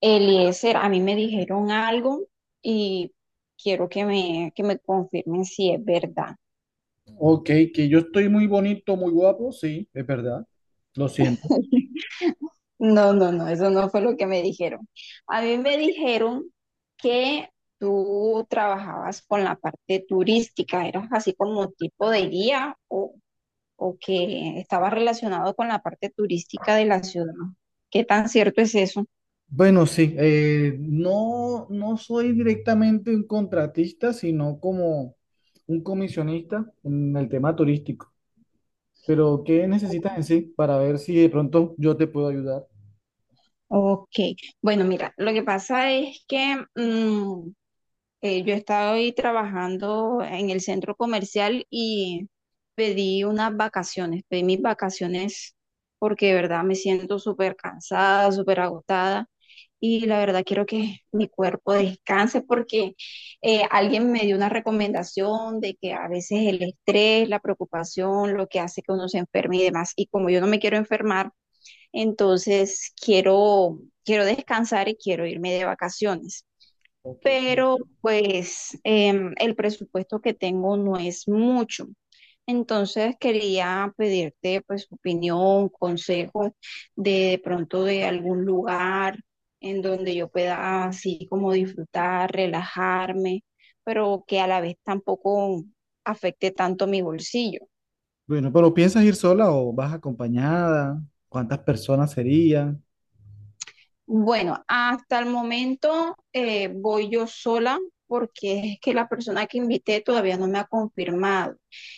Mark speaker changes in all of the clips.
Speaker 1: Eliezer, a mí me dijeron algo y quiero que me confirmen si es verdad.
Speaker 2: Ok, que yo estoy muy bonito, muy guapo, sí, es verdad, lo siento.
Speaker 1: No, no, no, eso no fue lo que me dijeron. A mí me dijeron que tú trabajabas con la parte turística, eras así como tipo de guía o que estabas relacionado con la parte turística de la ciudad. ¿Qué tan cierto es eso?
Speaker 2: Bueno, sí, no, no soy directamente un contratista, sino como un comisionista en el tema turístico. Pero, ¿qué necesitas en sí para ver si de pronto yo te puedo ayudar?
Speaker 1: Ok, bueno, mira, lo que pasa es que yo estaba hoy trabajando en el centro comercial y pedí unas vacaciones, pedí mis vacaciones porque de verdad me siento súper cansada, súper agotada y la verdad quiero que mi cuerpo descanse porque alguien me dio una recomendación de que a veces el estrés, la preocupación, lo que hace que uno se enferme y demás. Y como yo no me quiero enfermar, entonces quiero descansar y quiero irme de vacaciones
Speaker 2: Ok.
Speaker 1: pero pues el presupuesto que tengo no es mucho. Entonces quería pedirte pues opinión, consejos de pronto de algún lugar en donde yo pueda así como disfrutar, relajarme, pero que a la vez tampoco afecte tanto mi bolsillo.
Speaker 2: Bueno, pero ¿piensas ir sola o vas acompañada? ¿Cuántas personas serían?
Speaker 1: Bueno, hasta el momento voy yo sola porque es que la persona que invité todavía no me ha confirmado.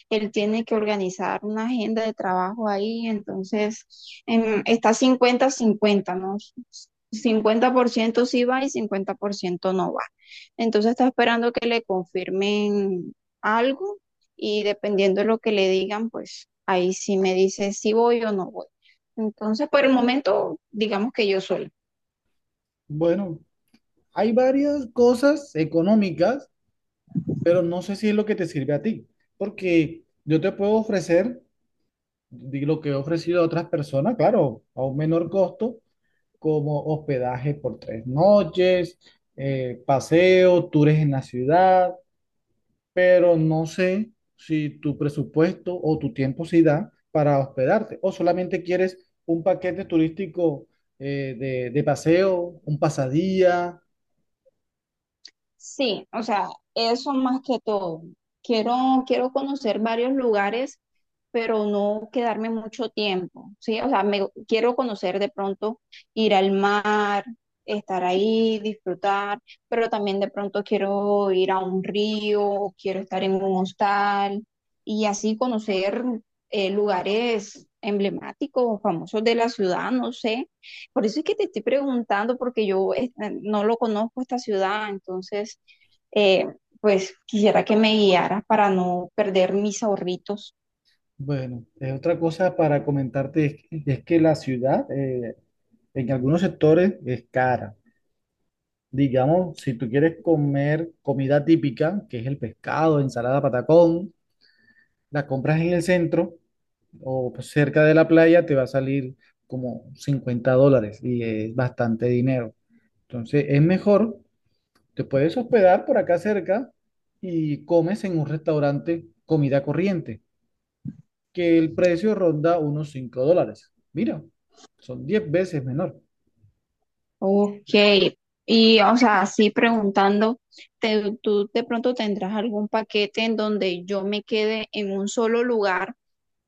Speaker 1: Él tiene que organizar una agenda de trabajo ahí, entonces está 50-50, ¿no? Cincuenta por ciento sí va y 50% no va. Entonces está esperando que le confirmen algo y dependiendo de lo que le digan, pues ahí sí me dice si voy o no voy. Entonces, por el momento, digamos que yo sola.
Speaker 2: Bueno, hay varias cosas económicas pero no sé si es lo que te sirve a ti, porque yo te puedo ofrecer lo que he ofrecido a otras personas, claro, a un menor costo, como hospedaje por 3 noches, paseo, tours en la ciudad, pero no sé si tu presupuesto o tu tiempo sí da para hospedarte, o solamente quieres un paquete turístico de paseo, un pasadía.
Speaker 1: Sí, o sea, eso más que todo. Quiero conocer varios lugares, pero no quedarme mucho tiempo, ¿sí? O sea, me, quiero conocer de pronto, ir al mar, estar ahí, disfrutar, pero también de pronto quiero ir a un río, o quiero estar en un hostal y así conocer lugares emblemáticos o famosos de la ciudad, no sé. Por eso es que te estoy preguntando, porque yo no lo conozco esta ciudad, entonces, eh, pues quisiera que me guiaras para no perder mis ahorritos.
Speaker 2: Bueno, es otra cosa para comentarte es que la ciudad, en algunos sectores es cara. Digamos, si tú quieres comer comida típica, que es el pescado, ensalada patacón, la compras en el centro o pues, cerca de la playa, te va a salir como $50 y es bastante dinero. Entonces, es mejor, te puedes hospedar por acá cerca y comes en un restaurante comida corriente, que el precio ronda unos $5. Mira, son 10 veces menor.
Speaker 1: Ok, y o sea, así preguntando, ¿tú de pronto tendrás algún paquete en donde yo me quede en un solo lugar,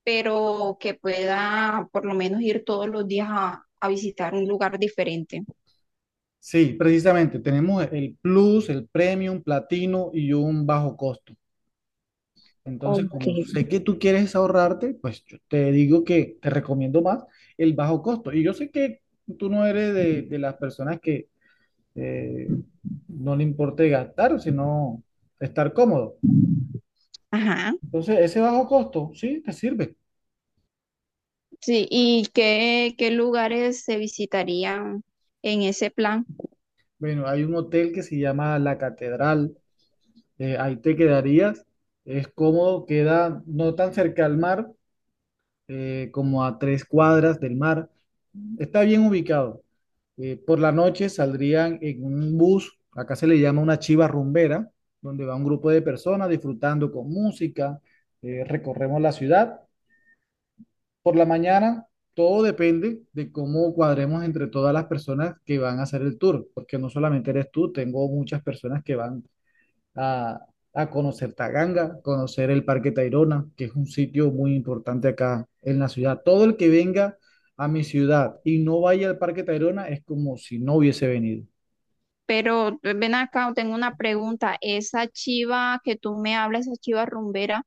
Speaker 1: pero que pueda por lo menos ir todos los días a visitar un lugar diferente?
Speaker 2: Sí, precisamente, tenemos el Plus, el Premium, Platino y un bajo costo. Entonces,
Speaker 1: Ok.
Speaker 2: como sé que tú quieres ahorrarte, pues yo te digo que te recomiendo más el bajo costo. Y yo sé que tú no eres de las personas que eh, no le importe gastar, sino estar cómodo.
Speaker 1: Ajá.
Speaker 2: Entonces, ese bajo costo, sí, te sirve.
Speaker 1: Sí, ¿y qué lugares se visitarían en ese plan?
Speaker 2: Bueno, hay un hotel que se llama La Catedral, ahí te quedarías, es cómodo, queda no tan cerca al mar como a 3 cuadras del mar. Está bien ubicado. Por la noche saldrían en un bus, acá se le llama una chiva rumbera, donde va un grupo de personas disfrutando con música, recorremos la ciudad. Por la mañana, todo depende de cómo cuadremos entre todas las personas que van a hacer el tour, porque no solamente eres tú, tengo muchas personas que van a, a conocer Taganga, conocer el Parque Tayrona, que es un sitio muy importante acá en la ciudad. Todo el que venga a mi ciudad y no vaya al Parque Tayrona es como si no hubiese venido.
Speaker 1: Pero ven acá, tengo una pregunta. Esa chiva que tú me hablas, esa chiva rumbera,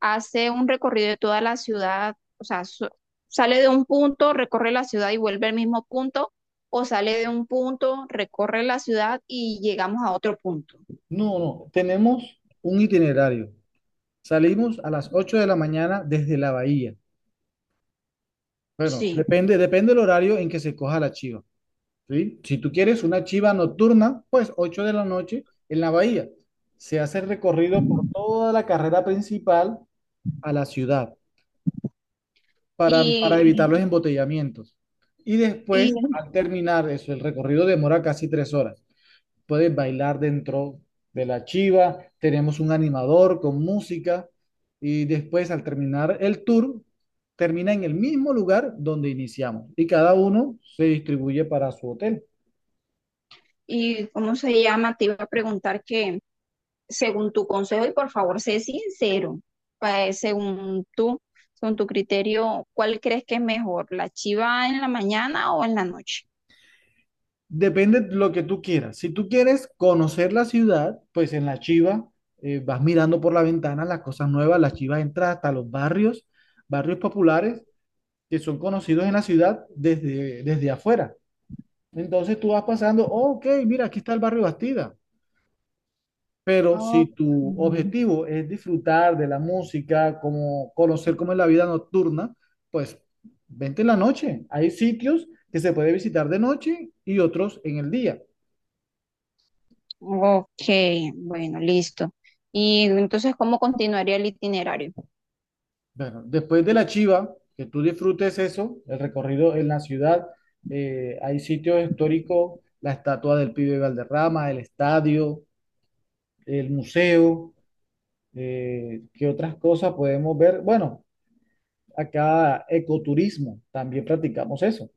Speaker 1: hace un recorrido de toda la ciudad, o sea, sale de un punto, recorre la ciudad y vuelve al mismo punto, o sale de un punto, recorre la ciudad y llegamos a otro punto.
Speaker 2: No, no, tenemos un itinerario. Salimos a las 8 de la mañana desde la bahía. Bueno,
Speaker 1: Sí.
Speaker 2: depende del horario en que se coja la chiva, ¿sí? Si tú quieres una chiva nocturna, pues 8 de la noche en la bahía. Se hace el recorrido por toda la carrera principal a la ciudad, para evitar los
Speaker 1: Y,
Speaker 2: embotellamientos. Y
Speaker 1: y,
Speaker 2: después, al terminar eso, el recorrido demora casi 3 horas. Puedes bailar dentro de la chiva, tenemos un animador con música y después al terminar el tour, termina en el mismo lugar donde iniciamos y cada uno se distribuye para su hotel.
Speaker 1: y ¿cómo se llama? Te iba a preguntar que según tu consejo, y por favor, sé sincero, según tú, según tu criterio, ¿cuál crees que es mejor, la chiva en la mañana o en la noche?
Speaker 2: Depende de lo que tú quieras. Si tú quieres conocer la ciudad, pues en la chiva vas mirando por la ventana las cosas nuevas, la chiva entra hasta los barrios, barrios populares que son conocidos en la ciudad desde afuera. Entonces tú vas pasando: "Oh, ok, mira, aquí está el barrio Bastida". Pero
Speaker 1: Ok.
Speaker 2: si tu objetivo es disfrutar de la música, como conocer cómo es la vida nocturna, pues vente en la noche. Hay sitios que se puede visitar de noche y otros en el día.
Speaker 1: Ok, bueno, listo. Y entonces, ¿cómo continuaría el itinerario?
Speaker 2: Bueno, después de la Chiva, que tú disfrutes eso, el recorrido en la ciudad, hay sitios históricos, la estatua del pibe Valderrama, el estadio, el museo. ¿Qué otras cosas podemos ver? Bueno, acá ecoturismo, también practicamos eso.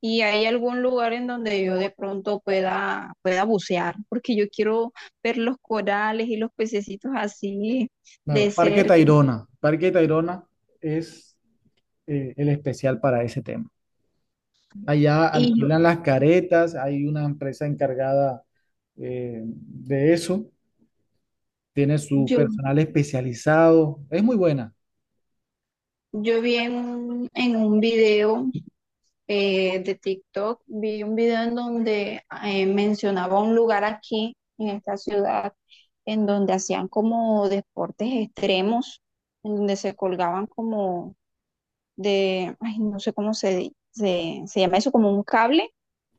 Speaker 1: ¿Y hay algún lugar en donde yo de pronto pueda bucear? Porque yo quiero ver los corales y los pececitos así de
Speaker 2: Bueno, Parque
Speaker 1: cerca.
Speaker 2: Tayrona. Parque Tayrona es el especial para ese tema. Allá
Speaker 1: Y
Speaker 2: alquilan las caretas, hay una empresa encargada de eso, tiene su
Speaker 1: yo
Speaker 2: personal especializado, es muy buena.
Speaker 1: Yo vi en un video de TikTok, vi un video en donde mencionaba un lugar aquí en esta ciudad en donde hacían como deportes extremos, en donde se colgaban como ay, no sé cómo se llama eso, como un cable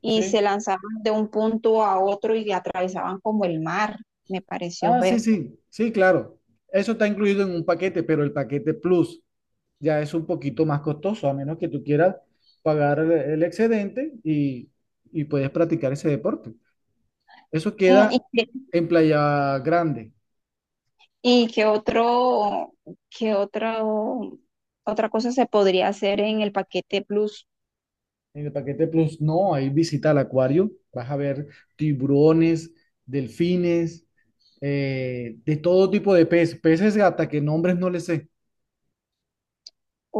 Speaker 1: y se
Speaker 2: Sí.
Speaker 1: lanzaban de un punto a otro y atravesaban como el mar, me pareció
Speaker 2: Ah, sí,
Speaker 1: ver.
Speaker 2: sí, sí, claro. Eso está incluido en un paquete, pero el paquete Plus ya es un poquito más costoso, a menos que tú quieras pagar el excedente y puedes practicar ese deporte. Eso
Speaker 1: Mm,
Speaker 2: queda
Speaker 1: Y
Speaker 2: en Playa Grande.
Speaker 1: ¿Y qué otro, otra cosa se podría hacer en el paquete Plus?
Speaker 2: En el paquete Plus no, hay visita al acuario, vas a ver tiburones, delfines, de todo tipo de peces, peces gata, que nombres no les sé.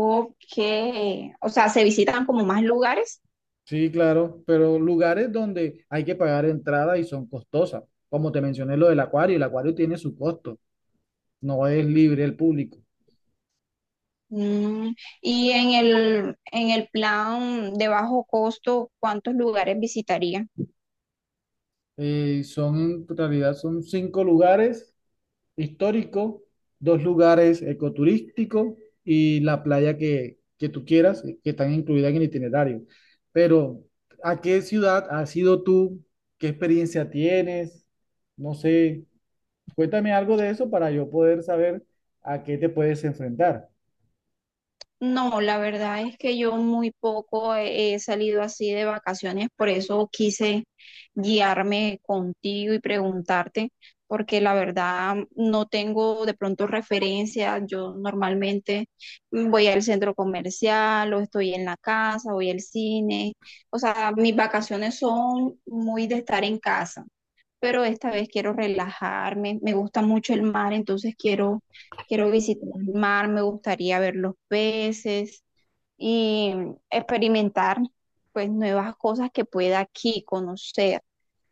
Speaker 1: O que, o sea, se visitan como más lugares.
Speaker 2: Sí, claro, pero lugares donde hay que pagar entrada y son costosas. Como te mencioné lo del acuario, el acuario tiene su costo, no es libre el público.
Speaker 1: Mm, y en el plan de bajo costo, ¿cuántos lugares visitaría?
Speaker 2: Son, en realidad son cinco lugares históricos, dos lugares ecoturísticos y la playa que tú quieras, que están incluidas en el itinerario. Pero, ¿a qué ciudad has ido tú? ¿Qué experiencia tienes? No sé, cuéntame algo de eso para yo poder saber a qué te puedes enfrentar.
Speaker 1: No, la verdad es que yo muy poco he salido así de vacaciones, por eso quise guiarme contigo y preguntarte, porque la verdad no tengo de pronto referencia. Yo normalmente voy al centro comercial o estoy en la casa, voy al cine. O sea, mis vacaciones son muy de estar en casa pero esta vez quiero relajarme. Me gusta mucho el mar, entonces quiero visitar el mar, me gustaría ver los peces y experimentar pues nuevas cosas que pueda aquí conocer.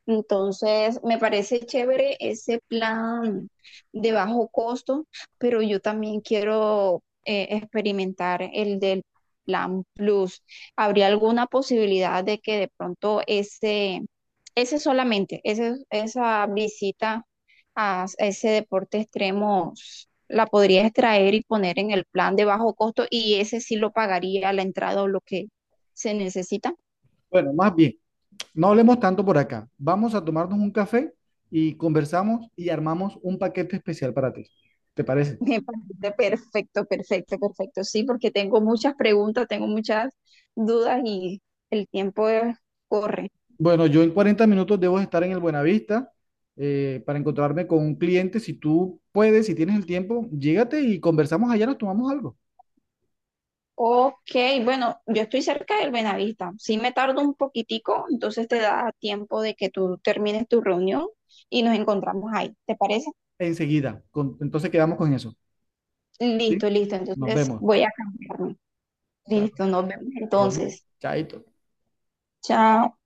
Speaker 1: Entonces, me parece chévere ese plan de bajo costo, pero yo también quiero experimentar el del plan Plus. ¿Habría alguna posibilidad de que de pronto ese solamente, esa visita a ese deporte extremo la podrías traer y poner en el plan de bajo costo y ese sí lo pagaría la entrada o lo que se necesita?
Speaker 2: Bueno, más bien, no hablemos tanto por acá. Vamos a tomarnos un café y conversamos y armamos un paquete especial para ti. ¿Te parece?
Speaker 1: Me parece perfecto, perfecto, perfecto. Sí, porque tengo muchas preguntas, tengo muchas dudas y el tiempo corre.
Speaker 2: Bueno, yo en 40 minutos debo estar en el Buenavista para encontrarme con un cliente. Si tú puedes, si tienes el tiempo, llégate y conversamos allá, nos tomamos algo
Speaker 1: Ok, bueno, yo estoy cerca del Benavista. Sí me tardo un poquitico, entonces te da tiempo de que tú termines tu reunión y nos encontramos ahí. ¿Te parece?
Speaker 2: enseguida. Entonces quedamos con eso, ¿sí?
Speaker 1: Listo, listo.
Speaker 2: Nos
Speaker 1: Entonces
Speaker 2: vemos.
Speaker 1: voy a cambiarme.
Speaker 2: Claro.
Speaker 1: Listo, nos vemos
Speaker 2: Bueno,
Speaker 1: entonces.
Speaker 2: chaito.
Speaker 1: Chao.